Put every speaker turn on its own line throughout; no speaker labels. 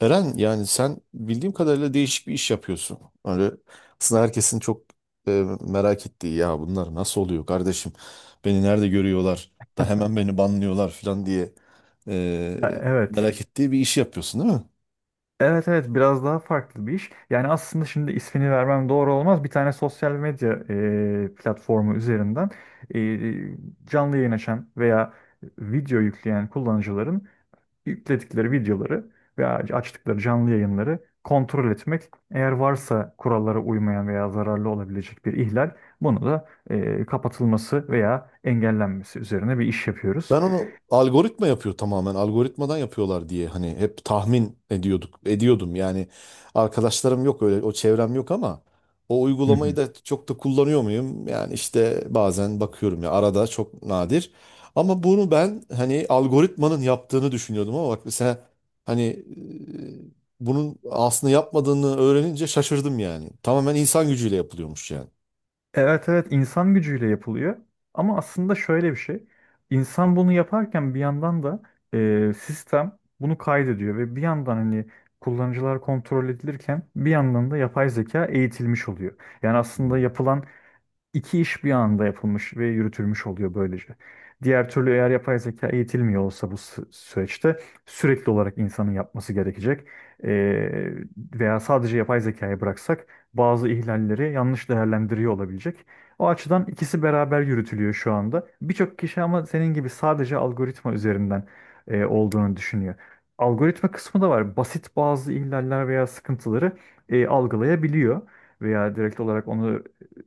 Eren, yani sen bildiğim kadarıyla değişik bir iş yapıyorsun. Öyle aslında herkesin çok merak ettiği, ya bunlar nasıl oluyor kardeşim? Beni nerede görüyorlar da hemen beni banlıyorlar falan diye e,
Ya evet.
merak ettiği bir iş yapıyorsun değil mi?
Evet evet biraz daha farklı bir iş. Yani aslında şimdi ismini vermem doğru olmaz. Bir tane sosyal medya platformu üzerinden e, canlı yayın açan veya video yükleyen kullanıcıların yükledikleri videoları veya açtıkları canlı yayınları kontrol etmek. Eğer varsa kurallara uymayan veya zararlı olabilecek bir ihlal, bunu da kapatılması veya engellenmesi üzerine bir iş yapıyoruz.
Ben onu algoritma yapıyor tamamen. Algoritmadan yapıyorlar diye hani hep tahmin ediyorduk. Ediyordum yani. Arkadaşlarım yok öyle, o çevrem yok ama o uygulamayı da çok da kullanıyor muyum? Yani işte bazen bakıyorum ya, arada, çok nadir. Ama bunu ben hani algoritmanın yaptığını düşünüyordum ama bak mesela hani bunun aslında yapmadığını öğrenince şaşırdım yani. Tamamen insan gücüyle yapılıyormuş yani.
Evet evet insan gücüyle yapılıyor. Ama aslında şöyle bir şey. İnsan bunu yaparken bir yandan da sistem bunu kaydediyor ve bir yandan hani kullanıcılar kontrol edilirken bir yandan da yapay zeka eğitilmiş oluyor. Yani aslında
Hmm.
yapılan İki iş bir anda yapılmış ve yürütülmüş oluyor böylece. Diğer türlü eğer yapay zeka eğitilmiyor olsa bu süreçte sürekli olarak insanın yapması gerekecek. Ee, Veya sadece yapay zekaya bıraksak bazı ihlalleri yanlış değerlendiriyor olabilecek. O açıdan ikisi beraber yürütülüyor şu anda. Birçok kişi ama senin gibi sadece algoritma üzerinden olduğunu düşünüyor. Algoritma kısmı da var. Basit bazı ihlaller veya sıkıntıları algılayabiliyor veya direkt olarak onu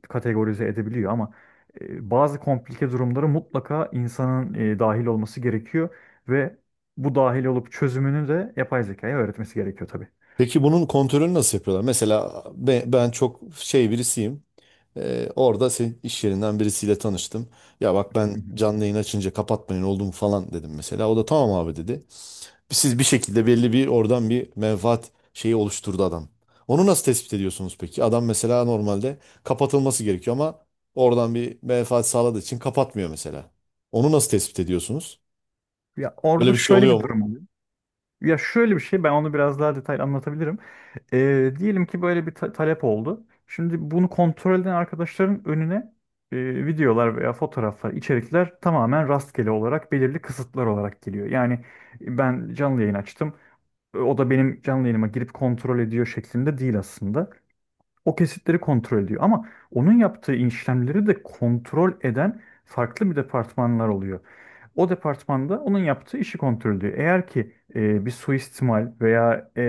kategorize edebiliyor ama bazı komplike durumları mutlaka insanın dahil olması gerekiyor ve bu dahil olup çözümünü de yapay zekaya öğretmesi gerekiyor tabii.
Peki bunun kontrolünü nasıl yapıyorlar? Mesela ben, çok şey birisiyim. Orada senin iş yerinden birisiyle tanıştım. Ya bak, ben
Hı hı.
canlı yayın açınca kapatmayın oldu mu falan dedim mesela. O da tamam abi dedi. Siz bir şekilde belli, bir oradan bir menfaat şeyi oluşturdu adam. Onu nasıl tespit ediyorsunuz peki? Adam mesela normalde kapatılması gerekiyor ama oradan bir menfaat sağladığı için kapatmıyor mesela. Onu nasıl tespit ediyorsunuz?
Ya
Böyle
orada
bir şey
şöyle
oluyor
bir
mu?
durum oluyor. Ya şöyle bir şey ben onu biraz daha detaylı anlatabilirim. Diyelim ki böyle bir talep oldu. Şimdi bunu kontrol eden arkadaşların önüne videolar veya fotoğraflar, içerikler tamamen rastgele olarak belirli kısıtlar olarak geliyor. Yani ben canlı yayın açtım. O da benim canlı yayınıma girip kontrol ediyor şeklinde değil aslında. O kesitleri kontrol ediyor ama onun yaptığı işlemleri de kontrol eden farklı bir departmanlar oluyor. O departmanda onun yaptığı işi kontrol ediyor. Eğer ki bir suistimal veya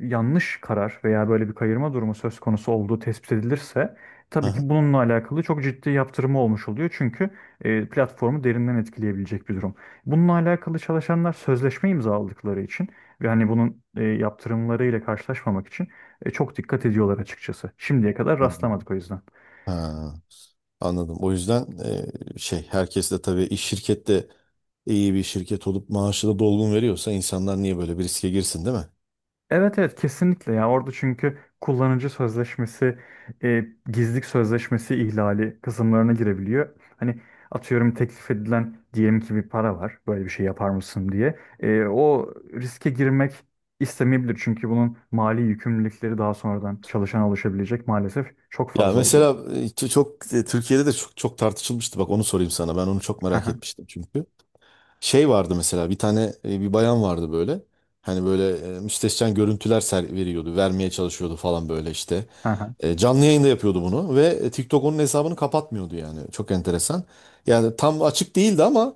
yanlış karar veya böyle bir kayırma durumu söz konusu olduğu tespit edilirse
Hı
tabii
hı.
ki bununla alakalı çok ciddi yaptırımı olmuş oluyor. Çünkü platformu derinden etkileyebilecek bir durum. Bununla alakalı çalışanlar sözleşme imzaladıkları için ve hani bunun yaptırımlarıyla karşılaşmamak için çok dikkat ediyorlar açıkçası. Şimdiye kadar
Hı.
rastlamadık o yüzden.
Ha. Anladım. O yüzden şey, herkes de tabii, iş şirkette iyi bir şirket olup maaşı da dolgun veriyorsa insanlar niye böyle bir riske girsin değil mi?
Evet evet kesinlikle ya orada çünkü kullanıcı sözleşmesi, e, gizlilik sözleşmesi ihlali kısımlarına girebiliyor. Hani atıyorum teklif edilen diyelim ki bir para var böyle bir şey yapar mısın diye. O riske girmek istemeyebilir çünkü bunun mali yükümlülükleri daha sonradan çalışana oluşabilecek maalesef çok
Ya
fazla oluyor.
mesela çok Türkiye'de de çok çok tartışılmıştı. Bak, onu sorayım sana. Ben onu çok
Hı
merak
hı,
etmiştim çünkü. Şey vardı mesela, bir tane bir bayan vardı böyle. Hani böyle müstehcen görüntüler ser veriyordu, vermeye çalışıyordu falan, böyle işte.
hı hı,
Canlı yayında yapıyordu bunu ve TikTok onun hesabını kapatmıyordu yani. Çok enteresan. Yani tam açık değildi ama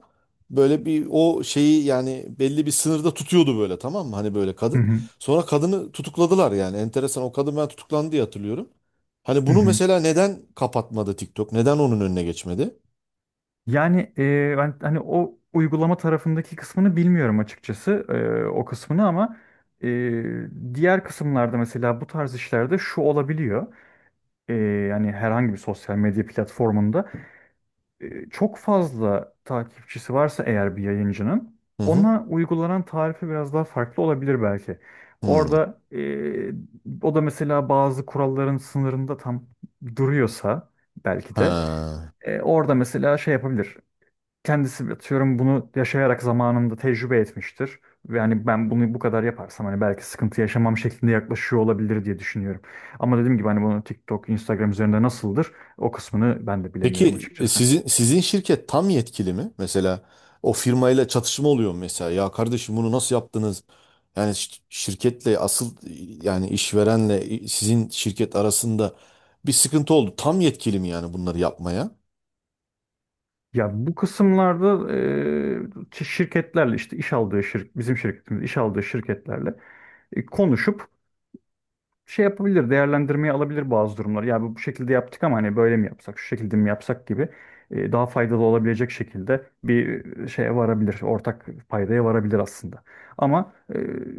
böyle bir, o şeyi yani belli bir sınırda tutuyordu böyle, tamam mı? Hani böyle
hı
kadın.
hı.
Sonra kadını tutukladılar yani. Enteresan, o kadın ben tutuklandı diye hatırlıyorum. Hani bunu mesela neden kapatmadı TikTok? Neden onun önüne geçmedi?
Yani ben hani o uygulama tarafındaki kısmını bilmiyorum açıkçası o kısmını ama e, diğer kısımlarda mesela bu tarz işlerde şu olabiliyor. E, Yani herhangi bir sosyal medya platformunda çok fazla takipçisi varsa eğer bir yayıncının
Hı hı.
ona uygulanan tarife biraz daha farklı olabilir belki.
Hı.
Orada o da mesela bazı kuralların sınırında tam duruyorsa belki de
Ha.
orada mesela şey yapabilir kendisi atıyorum bunu yaşayarak zamanında tecrübe etmiştir. Ve hani ben bunu bu kadar yaparsam hani belki sıkıntı yaşamam şeklinde yaklaşıyor olabilir diye düşünüyorum. Ama dediğim gibi hani bunu TikTok, Instagram üzerinde nasıldır o kısmını ben de bilemiyorum
Peki
açıkçası.
sizin şirket tam yetkili mi? Mesela o firmayla çatışma oluyor mu mesela? Ya kardeşim, bunu nasıl yaptınız? Yani şirketle asıl yani işverenle sizin şirket arasında bir sıkıntı oldu. Tam yetkili mi yani bunları yapmaya?
Ya bu kısımlarda şirketlerle işte iş aldığı şirk bizim şirketimiz iş aldığı şirketlerle konuşup şey yapabilir, değerlendirmeye alabilir bazı durumlar. Ya bu şekilde yaptık ama hani böyle mi yapsak, şu şekilde mi yapsak gibi daha faydalı olabilecek şekilde bir şeye varabilir, ortak paydaya varabilir aslında. Ama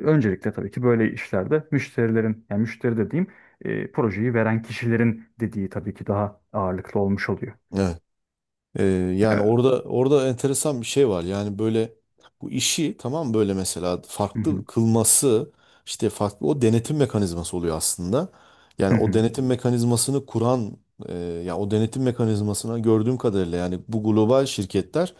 öncelikle tabii ki böyle işlerde müşterilerin, yani müşteri dediğim projeyi veren kişilerin dediği tabii ki daha ağırlıklı olmuş oluyor.
Evet. Ee, yani
Evet.
orada enteresan bir şey var. Yani böyle, bu işi tamam, böyle mesela
Hı hı.
farklı kılması işte farklı, o denetim mekanizması oluyor aslında. Yani
Hı
o
hı.
denetim mekanizmasını kuran e, ya o denetim mekanizmasına gördüğüm kadarıyla yani bu global şirketler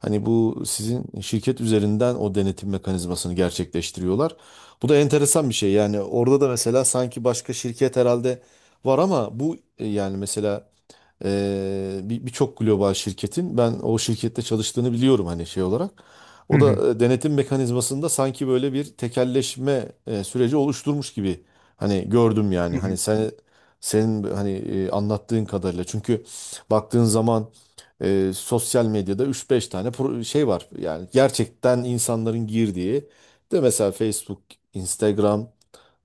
hani bu sizin şirket üzerinden o denetim mekanizmasını gerçekleştiriyorlar. Bu da enteresan bir şey. Yani orada da mesela sanki başka şirket herhalde var ama bu yani mesela birçok global şirketin ben o şirkette çalıştığını biliyorum hani, şey olarak.
Hı
O
hı.
da denetim mekanizmasında sanki böyle bir tekelleşme süreci oluşturmuş gibi hani gördüm yani,
Hı
hani
hı.
sen, senin hani anlattığın kadarıyla çünkü baktığın zaman sosyal medyada üç beş tane şey var yani, gerçekten insanların girdiği. De mesela Facebook, Instagram,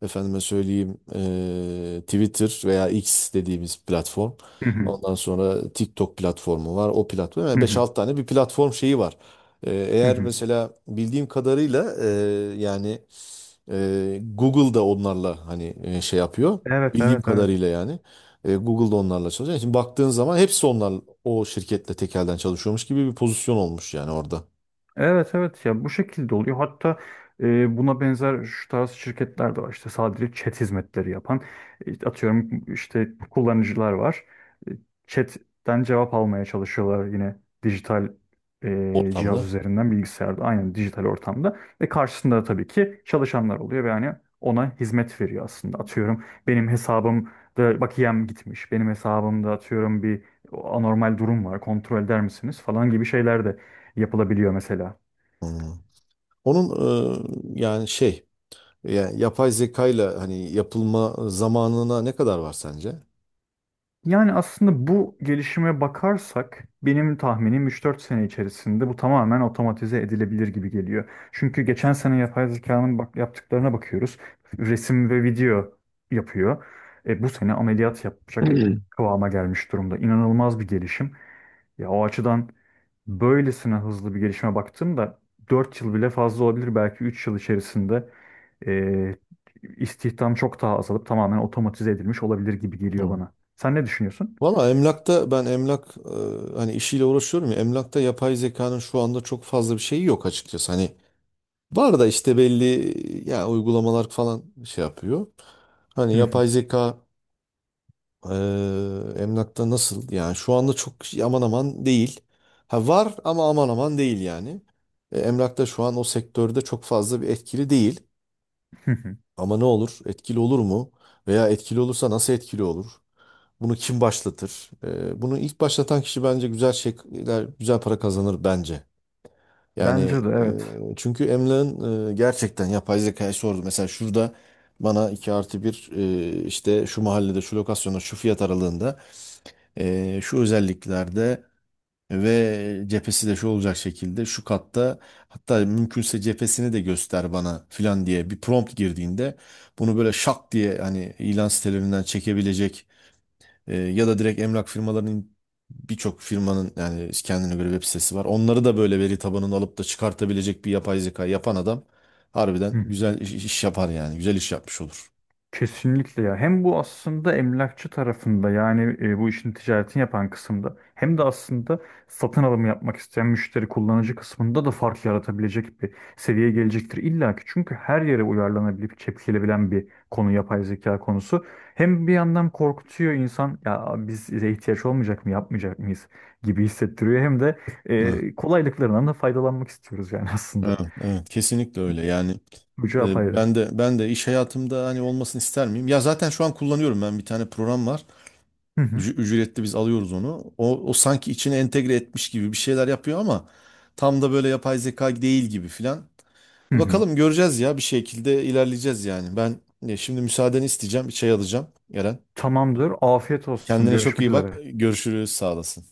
efendime söyleyeyim Twitter veya X dediğimiz platform.
Hı hı.
Ondan sonra TikTok platformu var. O platform. Yani
Hı
beş
hı.
6 tane bir platform şeyi var. Ee,
Hı
eğer
hı.
mesela, bildiğim kadarıyla yani Google da onlarla hani şey yapıyor.
Evet,
Bildiğim
evet, evet.
kadarıyla yani. Google da onlarla çalışıyor. Şimdi baktığın zaman hepsi onlar o şirketle tekelden çalışıyormuş gibi bir pozisyon olmuş, yani orada,
Evet evet ya bu şekilde oluyor. Hatta buna benzer şu tarz şirketler de var. İşte sadece chat hizmetleri yapan atıyorum işte kullanıcılar var. E, Chat'ten cevap almaya çalışıyorlar yine dijital cihaz
ortamda.
üzerinden bilgisayarda aynen dijital ortamda ve karşısında da tabii ki çalışanlar oluyor ve yani ona hizmet veriyor aslında. Atıyorum benim hesabımda bakiyem gitmiş. Benim hesabımda atıyorum bir anormal durum var. Kontrol eder misiniz falan gibi şeyler de yapılabiliyor mesela.
Hmm. Onun yani şey, yani yapay zekayla hani yapılma zamanına ne kadar var sence?
Yani aslında bu gelişime bakarsak benim tahminim 3 4 sene içerisinde bu tamamen otomatize edilebilir gibi geliyor. Çünkü geçen sene yapay zekanın bak yaptıklarına bakıyoruz. Resim ve video yapıyor. Bu sene ameliyat yapacak kıvama gelmiş durumda. İnanılmaz bir gelişim. Ya o açıdan böylesine hızlı bir gelişime baktığımda 4 yıl bile fazla olabilir. Belki 3 yıl içerisinde eee istihdam çok daha azalıp tamamen otomatize edilmiş olabilir gibi geliyor
Hı.
bana. Sen ne düşünüyorsun?
Valla emlakta, ben emlak hani işiyle uğraşıyorum ya, emlakta yapay zekanın şu anda çok fazla bir şeyi yok açıkçası. Hani var da işte, belli ya, uygulamalar falan şey yapıyor. Hani yapay zeka e, emlakta nasıl yani, şu anda çok aman aman değil. Ha, var ama aman aman değil yani. Emlakta şu an o sektörde çok fazla bir etkili değil. Ama ne olur, etkili olur mu? Veya etkili olursa nasıl etkili olur? Bunu kim başlatır? Bunu ilk başlatan kişi bence güzel şeyler, güzel para kazanır bence. Yani
Bence de evet.
çünkü Emlak'ın gerçekten yapay zekaya sordu. Mesela şurada bana 2+1, işte şu mahallede, şu lokasyonda, şu fiyat aralığında, şu özelliklerde ve cephesi de şu olacak şekilde, şu katta, hatta mümkünse cephesini de göster bana filan diye bir prompt girdiğinde bunu böyle şak diye hani ilan sitelerinden çekebilecek ya da direkt emlak firmalarının, birçok firmanın yani kendine göre web sitesi var. Onları da böyle veri tabanını alıp da çıkartabilecek bir yapay zeka yapan adam harbiden güzel iş, yapar yani. Güzel iş yapmış olur.
Kesinlikle ya. Hem bu aslında emlakçı tarafında yani bu işin ticaretini yapan kısımda hem de aslında satın alımı yapmak isteyen müşteri kullanıcı kısmında da fark yaratabilecek bir seviyeye gelecektir illa ki. Çünkü her yere uyarlanabilip çekilebilen bir konu yapay zeka konusu. Hem bir yandan korkutuyor insan ya bize ihtiyaç olmayacak mı yapmayacak mıyız gibi hissettiriyor. Hem de
Evet,
kolaylıklarından da faydalanmak istiyoruz yani aslında.
evet, evet, kesinlikle öyle. Yani
Bu cevap ayrı.
ben de iş hayatımda hani olmasını ister miyim? Ya zaten şu an kullanıyorum, ben bir tane program var.
Hı hı.
Ücretli biz alıyoruz onu. O sanki içine entegre etmiş gibi bir şeyler yapıyor ama tam da böyle yapay zeka değil gibi filan.
Hı hı.
Bakalım, göreceğiz ya, bir şekilde ilerleyeceğiz yani. Ben şimdi müsaadeni isteyeceğim. Bir çay alacağım Eren.
Tamamdır. Afiyet olsun.
Kendine çok
Görüşmek
iyi bak.
üzere.
Görüşürüz. Sağ olasın.